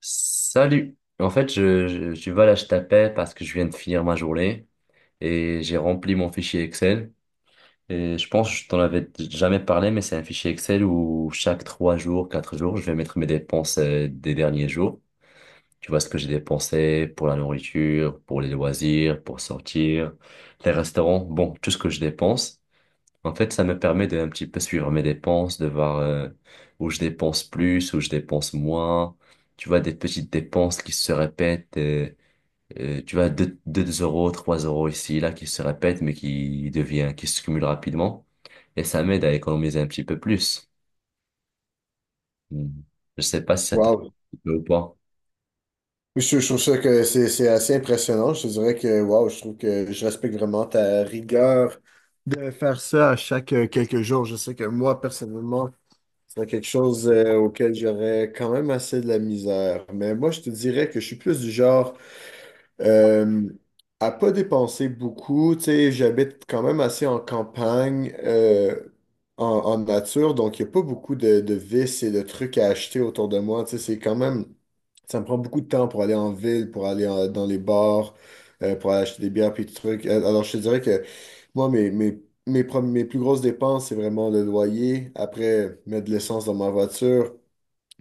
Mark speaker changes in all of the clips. Speaker 1: Salut. En fait, je voilà, je t'appelle parce que je viens de finir ma journée et j'ai rempli mon fichier Excel. Et je pense que je t'en avais jamais parlé, mais c'est un fichier Excel où chaque 3 jours, 4 jours, je vais mettre mes dépenses des derniers jours. Tu vois ce que j'ai dépensé pour la nourriture, pour les loisirs, pour sortir, les restaurants, bon, tout ce que je dépense. En fait, ça me permet de un petit peu suivre mes dépenses, de voir où je dépense plus, où je dépense moins. Tu vois, des petites dépenses qui se répètent. Tu vois, deux euros, 3 euros ici, là, qui se répètent, mais qui devient, qui se cumulent rapidement. Et ça m'aide à économiser un petit peu plus. Hmm. Je sais pas si ça te
Speaker 2: Wow.
Speaker 1: plaît ou pas.
Speaker 2: Je trouve ça que c'est assez impressionnant. Je te dirais que wow, je trouve que je respecte vraiment ta rigueur de faire ça à chaque quelques jours. Je sais que moi, personnellement, c'est quelque chose auquel j'aurais quand même assez de la misère. Mais moi, je te dirais que je suis plus du genre euh, à pas dépenser beaucoup. Tu sais, j'habite quand même assez en campagne, en nature, donc il n'y a pas beaucoup de vices et de trucs à acheter autour de moi. Tu sais, c'est quand même. Ça me prend beaucoup de temps pour aller en ville, pour dans les bars, pour aller acheter des bières puis des trucs. Alors, je te dirais que moi, mes plus grosses dépenses, c'est vraiment le loyer. Après, mettre de l'essence dans ma voiture,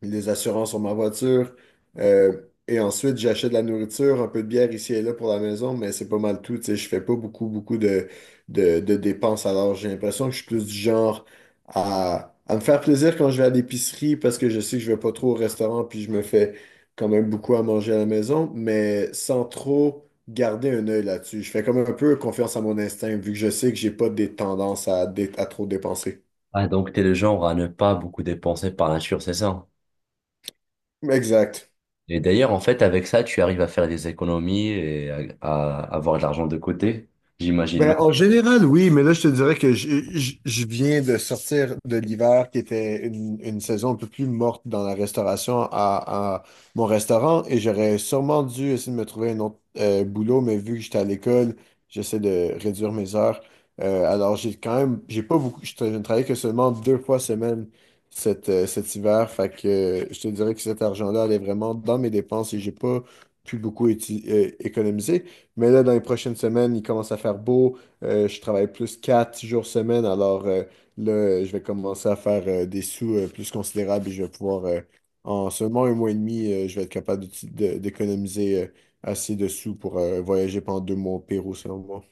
Speaker 2: les assurances sur ma voiture. Euh, et ensuite, j'achète de la nourriture, un peu de bière ici et là pour la maison, mais c'est pas mal tout. Tu sais, je fais pas beaucoup, beaucoup de dépenses. Alors, j'ai l'impression que je suis plus du genre à me faire plaisir quand je vais à l'épicerie parce que je sais que je vais pas trop au restaurant, puis je me fais quand même beaucoup à manger à la maison, mais sans trop garder un œil là-dessus. Je fais comme un peu confiance à mon instinct, vu que je sais que j'ai pas des tendances à trop dépenser.
Speaker 1: Ah, donc t'es le genre à ne pas beaucoup dépenser par nature, c'est ça?
Speaker 2: Exact.
Speaker 1: Et d'ailleurs, en fait, avec ça, tu arrives à faire des économies et à avoir de l'argent de côté, j'imagine.
Speaker 2: Ben, en général, oui, mais là, je te dirais que je viens de sortir de l'hiver qui était une saison un peu plus morte dans la restauration à mon restaurant et j'aurais sûrement dû essayer de me trouver un autre boulot, mais vu que j'étais à l'école, j'essaie de réduire mes heures. Alors, j'ai quand même, j'ai pas beaucoup, je ne travaille que seulement deux fois semaine cet hiver, fait que je te dirais que cet argent-là allait vraiment dans mes dépenses et j'ai pas pu beaucoup économiser. Mais là, dans les prochaines semaines, il commence à faire beau. Je travaille plus 4 jours semaine. Je vais commencer à faire des sous plus considérables et je vais pouvoir, en seulement un mois et demi, je vais être capable d'économiser assez de sous pour voyager pendant 2 mois au Pérou, selon moi.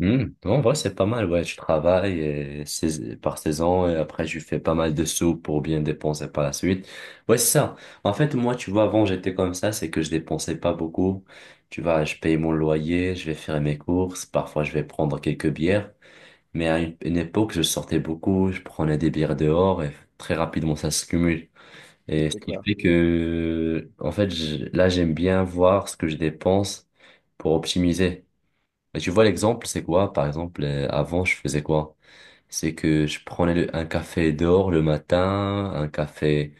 Speaker 1: Hmm. En vrai, c'est pas mal. Ouais, je travaille par saison et après, je fais pas mal de sous pour bien dépenser par la suite. Ouais, c'est ça. En fait, moi, tu vois, avant, j'étais comme ça, c'est que je dépensais pas beaucoup. Tu vois, je paye mon loyer, je vais faire mes courses, parfois, je vais prendre quelques bières. Mais à une époque, je sortais beaucoup, je prenais des bières dehors et très rapidement, ça se cumule. Et ce
Speaker 2: C'est
Speaker 1: qui
Speaker 2: clair.
Speaker 1: fait que, en fait, là, j'aime bien voir ce que je dépense pour optimiser. Et tu vois, l'exemple, c'est quoi? Par exemple, avant, je faisais quoi? C'est que je prenais un café dehors le matin, un café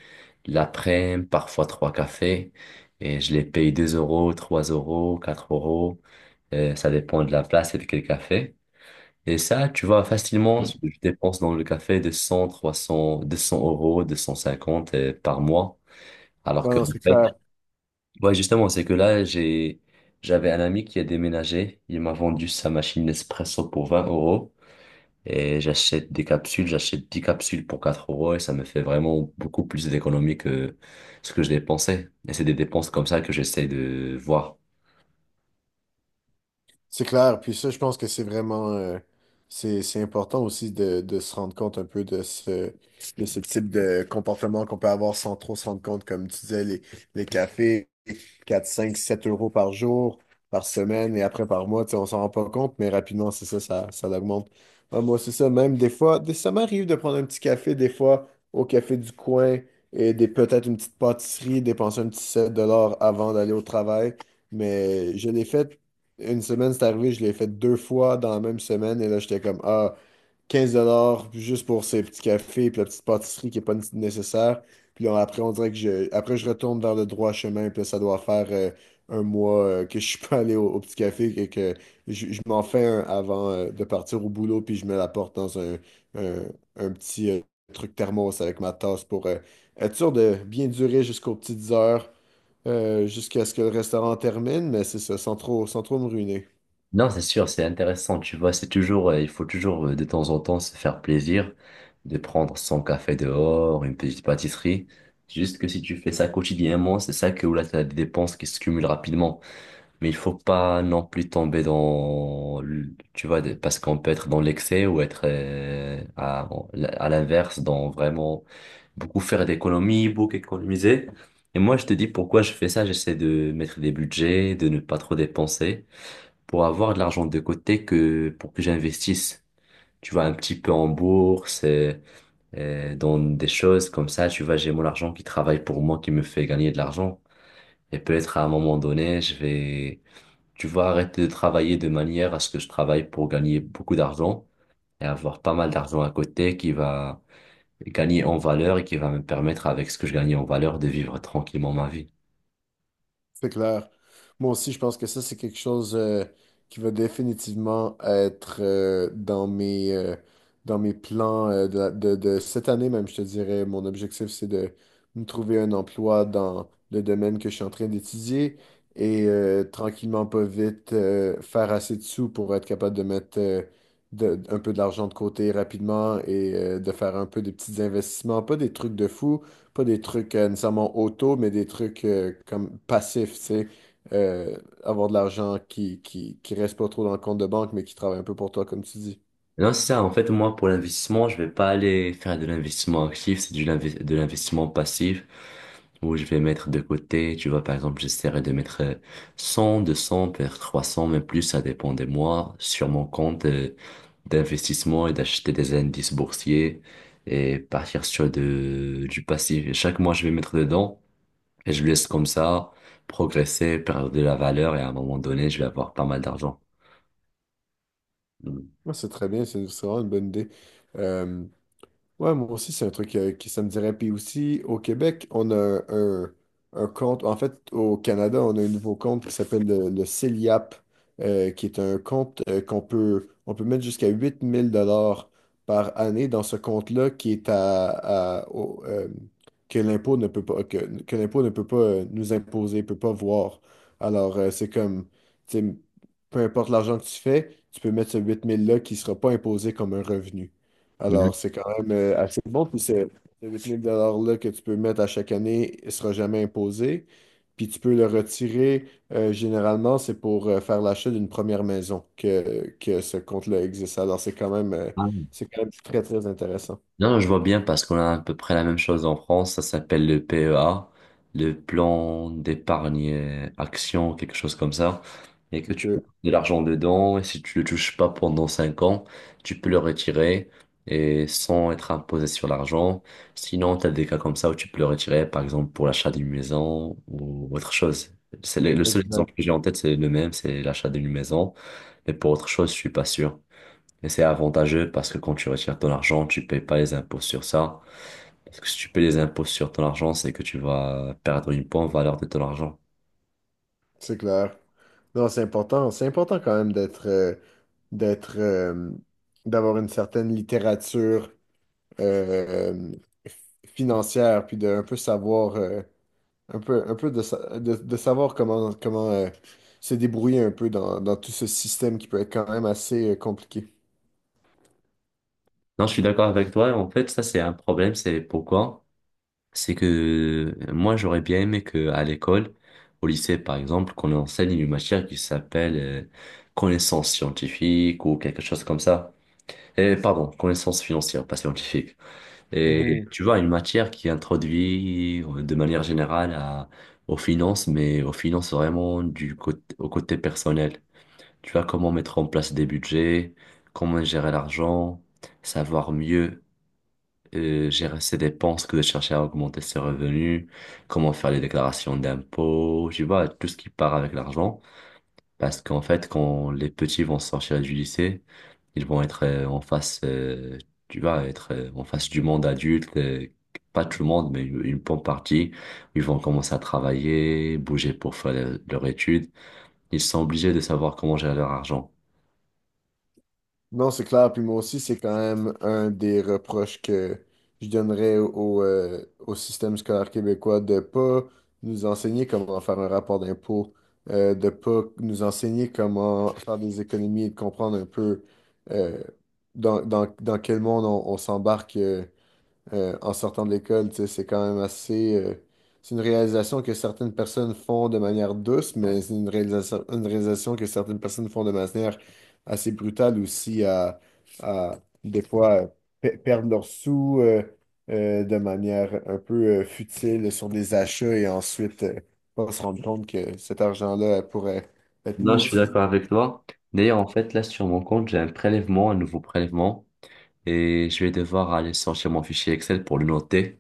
Speaker 1: l'après-midi, parfois trois cafés, et je les paye 2 euros, 3 euros, 4 euros, ça dépend de la place et de quel café. Et ça, tu vois, facilement, je dépense dans le café de 100, 200 euros, 250 par mois, alors
Speaker 2: Ouais,
Speaker 1: que.
Speaker 2: non, c'est clair.
Speaker 1: Ouais, justement, c'est que là, j'ai, j'avais un ami qui a déménagé. Il m'a vendu sa machine Nespresso pour 20 euros. Et j'achète des capsules, j'achète 10 capsules pour 4 euros et ça me fait vraiment beaucoup plus d'économies que ce que je dépensais. Et c'est des dépenses comme ça que j'essaie de voir.
Speaker 2: C'est clair. Puis ça, je pense que c'est vraiment, c'est important aussi de se rendre compte un peu de ce type de comportement qu'on peut avoir sans trop se rendre compte, comme tu disais, les cafés, 4, 5, 7 euros par jour, par semaine et après par mois, tu sais, on s'en rend pas compte, mais rapidement, c'est ça, ça l'augmente. Ouais, moi, c'est ça, même des fois, ça m'arrive de prendre un petit café, des fois, au café du coin et peut-être une petite pâtisserie, dépenser un petit 7 $ avant d'aller au travail. Mais je l'ai fait une semaine, c'est arrivé, je l'ai fait deux fois dans la même semaine. Et là, j'étais comme, ah, 15 $ juste pour ces petits cafés puis la petite pâtisserie qui n'est pas nécessaire. Puis là, après, on dirait que je, après, je retourne vers le droit chemin. Puis là, ça doit faire un mois que je suis pas allé au petit café et que je m'en fais un avant de partir au boulot. Puis je me la porte dans un, un petit truc thermos avec ma tasse pour être sûr de bien durer jusqu'aux petites heures, jusqu'à ce que le restaurant termine. Mais c'est ça, sans trop me ruiner.
Speaker 1: Non, c'est sûr, c'est intéressant, tu vois, c'est toujours, il faut toujours de temps en temps se faire plaisir, de prendre son café dehors, une petite pâtisserie. Juste que si tu fais ça quotidiennement, c'est ça que où là, tu as des dépenses qui se cumulent rapidement. Mais il faut pas non plus tomber dans, tu vois, parce qu'on peut être dans l'excès ou être à l'inverse, dans vraiment beaucoup faire d'économies, beaucoup économiser. Et moi, je te dis pourquoi je fais ça. J'essaie de mettre des budgets, de ne pas trop dépenser, pour avoir de l'argent de côté que pour que j'investisse. Tu vois, un petit peu en bourse, dans des choses comme ça. Tu vois, j'ai mon argent qui travaille pour moi, qui me fait gagner de l'argent. Et peut-être à un moment donné, je vais tu vas arrêter de travailler de manière à ce que je travaille pour gagner beaucoup d'argent et avoir pas mal d'argent à côté qui va gagner en valeur et qui va me permettre avec ce que je gagne en valeur de vivre tranquillement ma vie.
Speaker 2: C'est clair. Moi aussi, je pense que ça, c'est quelque chose qui va définitivement être dans mes plans de cette année même, je te dirais. Mon objectif, c'est de me trouver un emploi dans le domaine que je suis en train d'étudier et tranquillement, pas vite, faire assez de sous pour être capable de mettre un peu de l'argent de côté rapidement et de faire un peu des petits investissements, pas des trucs de fou, pas des trucs nécessairement auto, mais des trucs comme passifs, tu sais. Euh, Avoir de l'argent qui reste pas trop dans le compte de banque, mais qui travaille un peu pour toi, comme tu dis.
Speaker 1: Non, c'est ça. En fait, moi, pour l'investissement, je vais pas aller faire de l'investissement actif, c'est de l'investissement passif où je vais mettre de côté. Tu vois, par exemple, j'essaierai de mettre 100, 200 peut-être 300 même plus, ça dépend des mois, sur mon compte d'investissement et d'acheter des indices boursiers et partir sur de, du passif. Et chaque mois, je vais mettre dedans et je laisse comme ça progresser, perdre de la valeur et à un moment donné, je vais avoir pas mal d'argent.
Speaker 2: Moi, c'est très bien, c'est vraiment une bonne idée. Euh, Ouais, moi aussi, c'est un truc qui ça me dirait. Puis aussi, au Québec, on a compte. En fait, au Canada, on a un nouveau compte qui s'appelle le CELIAP, qui est un compte on peut mettre jusqu'à 8 000 $ par année dans ce compte-là qui est à- au- euh, que l'impôt ne peut pas, que l'impôt ne peut pas nous imposer, peut pas voir. Alors, c'est comme, tu sais, peu importe l'argent que tu fais, tu peux mettre ce 8 000 $-là qui ne sera pas imposé comme un revenu.
Speaker 1: Mhm.
Speaker 2: Alors, c'est quand même assez bon. Puis c'est ce 8 000 $-là que tu peux mettre à chaque année, il ne sera jamais imposé. Puis tu peux le retirer. Généralement, c'est pour faire l'achat d'une première maison que ce compte-là existe. Alors, c'est quand même très, très intéressant.
Speaker 1: Non, je vois bien parce qu'on a à peu près la même chose en France. Ça s'appelle le PEA, le plan d'épargne action, quelque chose comme ça. Et que
Speaker 2: Ok,
Speaker 1: tu peux mettre de l'argent dedans et si tu le touches pas pendant 5 ans, tu peux le retirer et sans être imposé sur l'argent. Sinon, tu as des cas comme ça où tu peux le retirer, par exemple pour l'achat d'une maison ou autre chose. C'est le seul exemple
Speaker 2: Exact.
Speaker 1: que j'ai en tête, c'est le même, c'est l'achat d'une maison. Mais pour autre chose, je suis pas sûr. Et c'est avantageux parce que quand tu retires ton argent, tu payes pas les impôts sur ça. Parce que si tu payes les impôts sur ton argent, c'est que tu vas perdre une bonne valeur de ton argent.
Speaker 2: C'est clair. Non, c'est important. C'est important quand même d'être, euh, d'avoir une certaine littérature euh, euh, financière, puis de un peu savoir. Un peu de savoir comment se débrouiller un peu dans tout ce système qui peut être quand même assez compliqué.
Speaker 1: Non, je suis d'accord avec toi. En fait, ça, c'est un problème. C'est pourquoi? C'est que moi, j'aurais bien aimé que à l'école, au lycée, par exemple, qu'on enseigne une matière qui s'appelle connaissance scientifique ou quelque chose comme ça. Et pardon, connaissance financière, pas scientifique. Et
Speaker 2: Mhm.
Speaker 1: tu vois, une matière qui introduit de manière générale à, aux finances, mais aux finances vraiment du côté, au côté personnel. Tu vois, comment mettre en place des budgets, comment gérer l'argent, savoir mieux gérer ses dépenses que de chercher à augmenter ses revenus, comment faire les déclarations d'impôts, tu vois, tout ce qui part avec l'argent. Parce qu'en fait, quand les petits vont sortir du lycée, ils vont être en face, tu vas être en face du monde adulte, pas tout le monde, mais une bonne partie. Ils vont commencer à travailler, bouger pour faire leur étude. Ils sont obligés de savoir comment gérer leur argent.
Speaker 2: Non, c'est clair. Puis moi aussi, c'est quand même un des reproches que je donnerais au système scolaire québécois de pas nous enseigner comment faire un rapport d'impôt, de pas nous enseigner comment faire des économies et de comprendre un peu euh, dans quel monde on s'embarque. En sortant de l'école. Tu sais, c'est quand même assez. C'est une réalisation que certaines personnes font de manière douce, mais c'est une réalisation que certaines personnes font de manière assez brutale aussi à des fois perdre leurs sous de manière un peu futile sur des achats et ensuite pas se rendre compte que cet argent-là pourrait être
Speaker 1: Non,
Speaker 2: mieux
Speaker 1: je suis
Speaker 2: utilisé.
Speaker 1: d'accord avec toi. D'ailleurs, en fait, là, sur mon compte, j'ai un prélèvement, un nouveau prélèvement, et je vais devoir aller sortir mon fichier Excel pour le noter.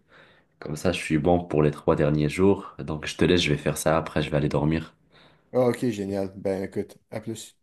Speaker 1: Comme ça, je suis bon pour les 3 derniers jours. Donc, je te laisse, je vais faire ça. Après, je vais aller dormir.
Speaker 2: Ah, ok, génial. Ben écoute, à plus.